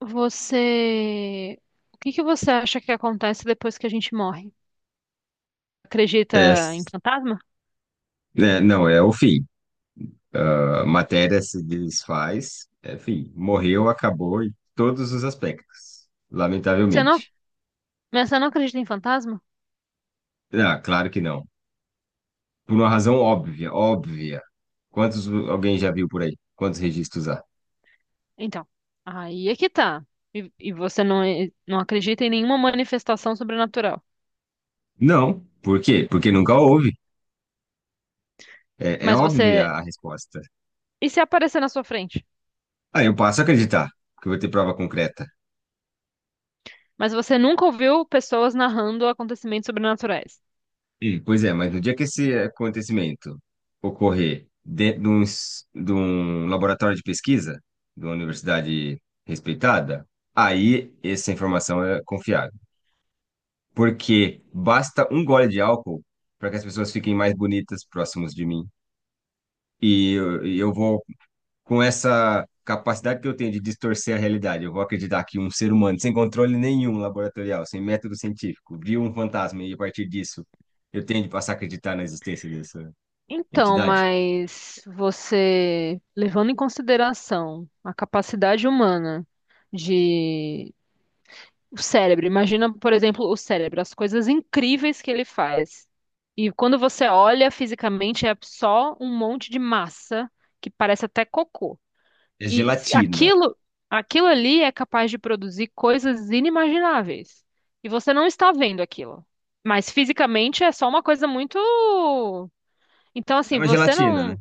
Você. O que que você acha que acontece depois que a gente morre? Acredita em Pes- fantasma? é, não, é o fim. A matéria se desfaz, é fim. Morreu, acabou em todos os aspectos, Você não... lamentavelmente. Mas você não acredita em fantasma? Ah, claro que não. Por uma razão óbvia, óbvia. Quantos alguém já viu por aí? Quantos registros há? Então, aí é que tá. E você não, não acredita em nenhuma manifestação sobrenatural. Não. Por quê? Porque nunca houve. É Mas óbvia você. a resposta. E se aparecer na sua frente? Ah, eu passo a acreditar que eu vou ter prova concreta. Mas você nunca ouviu pessoas narrando acontecimentos sobrenaturais. E, pois é, mas no dia que esse acontecimento ocorrer dentro de um laboratório de pesquisa, de uma universidade respeitada, aí essa informação é confiável. Porque basta um gole de álcool para que as pessoas fiquem mais bonitas próximos de mim. E eu vou, com essa capacidade que eu tenho de distorcer a realidade, eu vou acreditar que um ser humano sem controle nenhum laboratorial, sem método científico, viu um fantasma e a partir disso eu tenho de passar a acreditar na existência desse Então, entidade? mas você, levando em consideração a capacidade humana de. O cérebro, imagina, por exemplo, o cérebro, as coisas incríveis que ele faz. E quando você olha fisicamente, é só um monte de massa que parece até cocô. É gelatina. Aquilo, aquilo ali é capaz de produzir coisas inimagináveis. E você não está vendo aquilo. Mas fisicamente é só uma coisa muito. Então, É assim, uma você gelatina, né? não.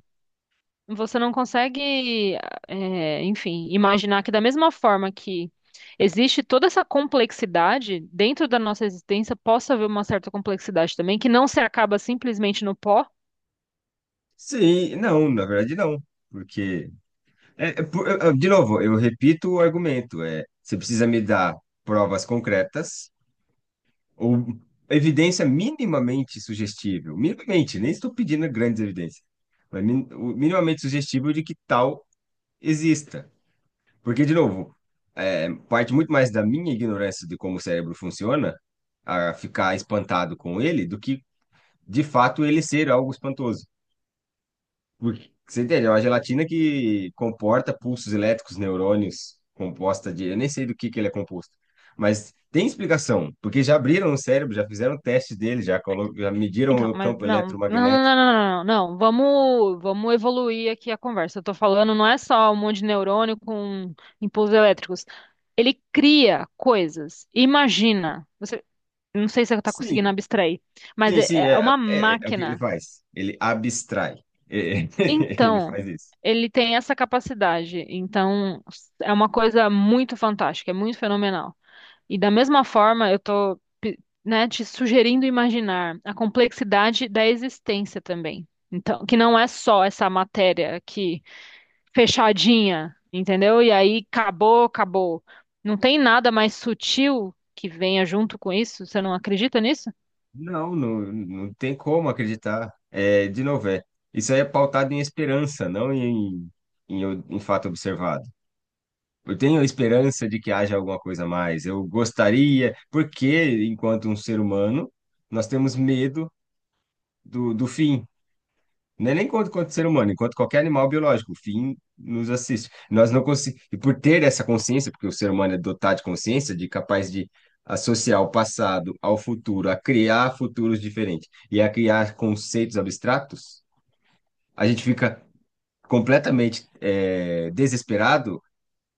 Você não consegue, é, enfim, imaginar que da mesma forma que existe toda essa complexidade dentro da nossa existência, possa haver uma certa complexidade também, que não se acaba simplesmente no pó. Sim, não, na verdade não. Porque. De novo, eu repito o argumento. É, você precisa me dar provas concretas ou evidência minimamente sugestível. Minimamente, nem estou pedindo grandes evidências. Mas o minimamente sugestível de que tal exista. Porque, de novo, parte muito mais da minha ignorância de como o cérebro funciona a ficar espantado com ele do que de fato ele ser algo espantoso. Porque, você entende? É uma gelatina que comporta pulsos elétricos, neurônios, composta de. Eu nem sei do que ele é composto. Mas tem explicação, porque já abriram o cérebro, já fizeram testes dele, já mediram Então, o mas campo não, não, não, não, eletromagnético. não, não, não. Vamos evoluir aqui a conversa. Eu tô falando, não é só um monte de neurônio com impulsos elétricos. Ele cria coisas. Imagina. Você, não sei se você está conseguindo Sim, abstrair, mas sim, sim, é é, uma é, é é o que ele máquina. faz. Ele abstrai. É, ele Então, faz isso. ele tem essa capacidade. Então, é uma coisa muito fantástica, é muito fenomenal. E da mesma forma, eu tô, né, te sugerindo imaginar a complexidade da existência também. Então, que não é só essa matéria aqui fechadinha, entendeu? E aí acabou, acabou. Não tem nada mais sutil que venha junto com isso? Você não acredita nisso? Não, não, não tem como acreditar. É, de novo, é. Isso aí é pautado em esperança, não em fato observado. Eu tenho a esperança de que haja alguma coisa a mais. Eu gostaria, porque enquanto um ser humano, nós temos medo do fim. Não é nem enquanto ser humano, enquanto qualquer animal biológico, o fim nos assiste. Nós não conseguimos. E por ter essa consciência, porque o ser humano é dotado de consciência, de capaz de associar o passado ao futuro, a criar futuros diferentes e a criar conceitos abstratos, a gente fica completamente desesperado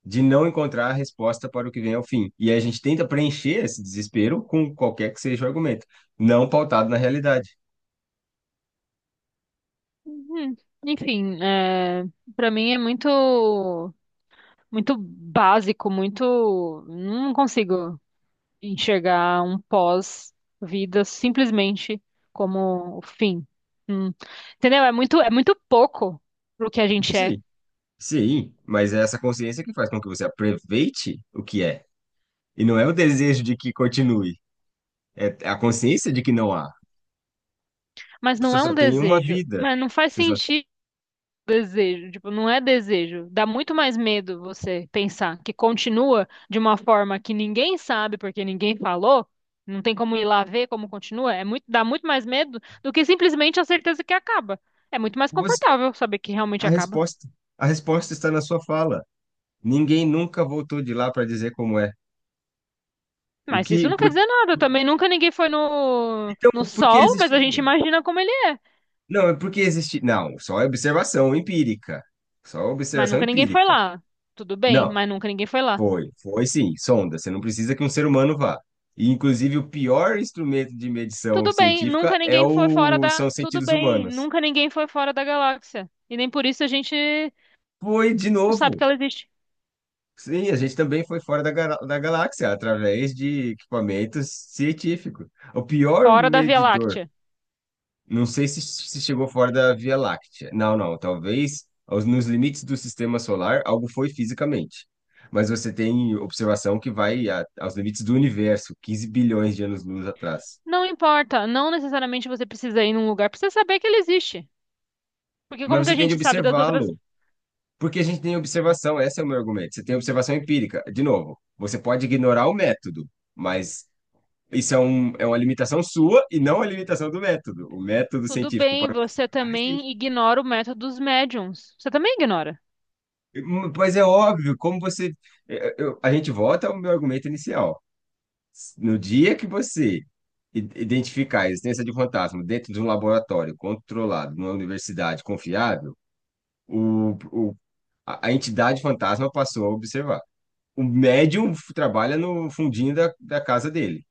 de não encontrar a resposta para o que vem ao fim. E aí a gente tenta preencher esse desespero com qualquer que seja o argumento, não pautado na realidade. Hum. Enfim, é, para mim é muito. Muito básico, muito. Não consigo enxergar um pós-vida simplesmente como o fim. Hum. Entendeu? É muito pouco pro que a gente é. Sim, sim, mas é essa consciência que faz com que você aproveite o que é. E não é o desejo de que continue, é a consciência de que não há. Mas não Você é um só tem uma desejo. vida. Mas não faz Você só... sentido. Desejo, tipo, não é desejo. Dá muito mais medo você pensar que continua de uma forma que ninguém sabe porque ninguém falou, não tem como ir lá ver como continua. É muito, dá muito mais medo do que simplesmente a certeza que acaba. É muito mais você- confortável saber que realmente A acaba. resposta, a resposta está na sua fala. Ninguém nunca voltou de lá para dizer como é. O Mas isso que, não quer por... dizer nada também. Nunca ninguém foi no, Então, no por que sol, mas a gente existiria? imagina como ele é. Não, é porque existe. Não, só é observação empírica. Só Mas observação nunca ninguém foi empírica. lá. Tudo bem, Não, mas nunca ninguém foi lá. foi sim, sonda. Você não precisa que um ser humano vá. E, inclusive, o pior instrumento de medição Tudo bem, nunca científica ninguém foi fora da. são os Tudo sentidos bem, humanos. nunca ninguém foi fora da galáxia. E nem por isso a gente Foi de não sabe que novo. ela existe. Sim, a gente também foi fora da galáxia através de equipamentos científicos. O pior Fora da Via medidor. Láctea. Não sei se chegou fora da Via Láctea. Não, não. Talvez nos limites do sistema solar algo foi fisicamente. Mas você tem observação que vai aos limites do universo, 15 bilhões de anos-luz atrás. Não importa, não necessariamente você precisa ir num lugar pra você saber que ele existe. Porque como Mas que a você tem de gente sabe das outras? observá-lo, porque a gente tem observação, esse é o meu argumento. Você tem observação empírica. De novo, você pode ignorar o método, mas isso é uma limitação sua e não a limitação do método. O método Tudo científico bem, para você observar. também ignora o método dos médiums. Você também ignora. Pois é óbvio, como você. A gente volta ao meu argumento inicial. No dia que você identificar a existência de fantasma dentro de um laboratório controlado, numa universidade confiável, o, o- a entidade fantasma passou a observar. O médium trabalha no fundinho da casa dele.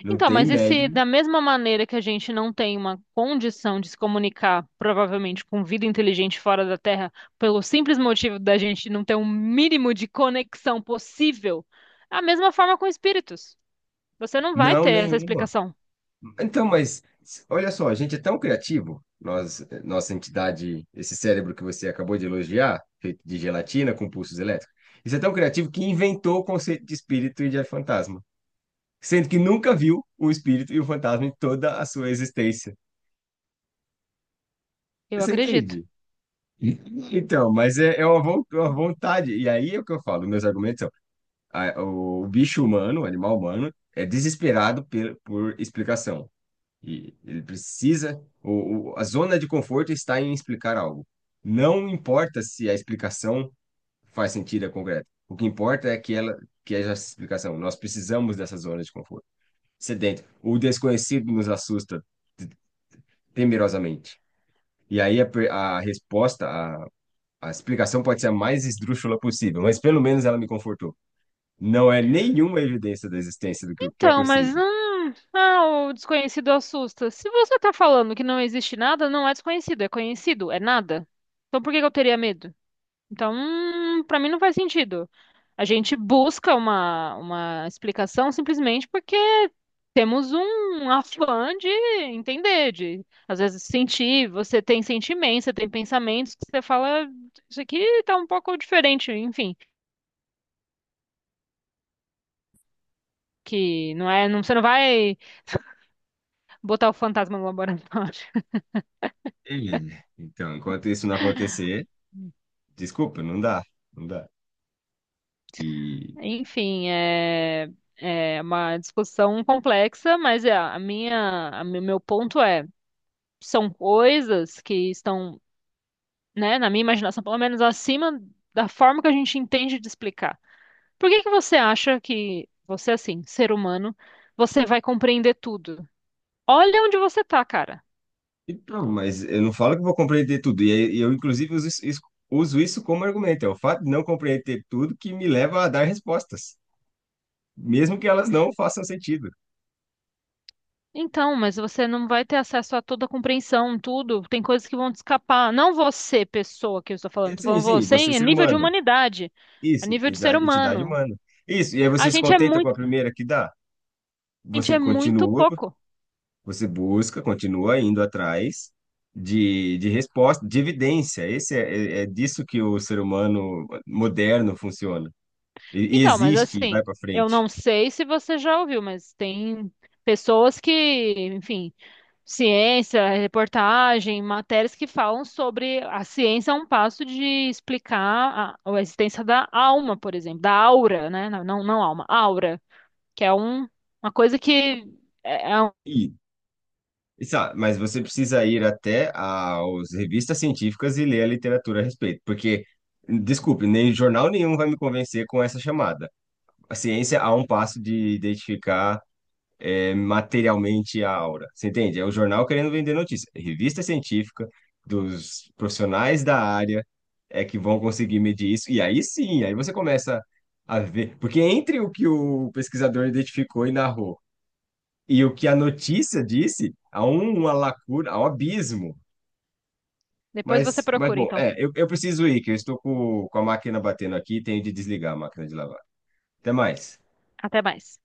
Não Então, tem mas e se médium, da mesma maneira que a gente não tem uma condição de se comunicar, provavelmente, com vida inteligente fora da Terra, pelo simples motivo da gente não ter um mínimo de conexão possível, é a mesma forma com espíritos. Você não vai não, ter essa nenhum. explicação, Então, olha só, a gente é tão criativo, nós, nossa entidade, esse cérebro que você acabou de elogiar, feito de gelatina com pulsos elétricos, isso é tão criativo que inventou o conceito de espírito e de fantasma, sendo que nunca viu o espírito e o fantasma em toda a sua existência. eu Você acredito. entende? Então, mas é uma vontade. E aí é o que eu falo, meus argumentos são, o bicho humano, o animal humano, é desesperado por explicação. E ele precisa. A zona de conforto está em explicar algo. Não importa se a explicação faz sentido e é concreta. O que importa é que ela, que é essa explicação. Nós precisamos dessa zona de conforto. Sedento. O desconhecido nos assusta te- temerosamente. E aí a, per- a resposta, a explicação pode ser a mais esdrúxula possível, mas pelo menos ela me confortou. Não é nenhuma evidência da existência do que quer que Então, eu mas seja. Ah, o desconhecido assusta. Se você tá falando que não existe nada, não é desconhecido, é conhecido, é nada. Então por que que eu teria medo? Então, para mim não faz sentido. A gente busca uma explicação simplesmente porque temos um afã de entender, de às vezes sentir, você tem sentimentos, você tem pensamentos que você fala, isso aqui tá um pouco diferente, enfim, que não é, não, você não vai botar o fantasma no laboratório. É. Então, enquanto isso não acontecer. Desculpa, não dá, não dá. E, Enfim, é, é uma discussão complexa, mas é, a minha, a, meu ponto é, são coisas que estão, né, na minha imaginação, pelo menos acima da forma que a gente entende de explicar. Por que que você acha que você, assim, ser humano, você vai compreender tudo? Olha onde você tá, cara. e pronto, mas eu não falo que vou compreender tudo. E aí, eu, inclusive, uso isso como argumento. É o fato de não compreender tudo que me leva a dar respostas, mesmo que elas não façam sentido. Então, mas você não vai ter acesso a toda a compreensão, tudo. Tem coisas que vão te escapar. Não você, pessoa que eu estou Sim, falando sim, você você é em ser nível de humano. humanidade, a Isso, nível de ser entidade, entidade humano. humana. Isso, e aí A você se gente é contenta com muito, a primeira que dá. a gente Você é muito continua, pouco. você busca, continua indo atrás de resposta, de evidência. Esse é disso que o ser humano moderno funciona. E Então, mas existe e vai assim, para eu frente. não sei se você já ouviu, mas tem pessoas que, enfim, ciência, reportagem, matérias que falam sobre a ciência a um passo de explicar a existência da alma, por exemplo, da aura, né? Não, não, não alma, aura, que é um, uma coisa que um- E, mas você precisa ir até as revistas científicas e ler a literatura a respeito, porque, desculpe, nem jornal nenhum vai me convencer com essa chamada. A ciência a um passo de identificar materialmente a aura. Você entende? É o jornal querendo vender notícia. Revista científica dos profissionais da área é que vão conseguir medir isso. E aí sim, aí você começa a ver. Porque entre o que o pesquisador identificou e narrou e o que a notícia disse, há uma lacuna, há um abismo. depois você Mas procura, bom, então. Eu preciso ir, que eu estou com a máquina batendo aqui e tenho de desligar a máquina de lavar. Até mais. Até mais.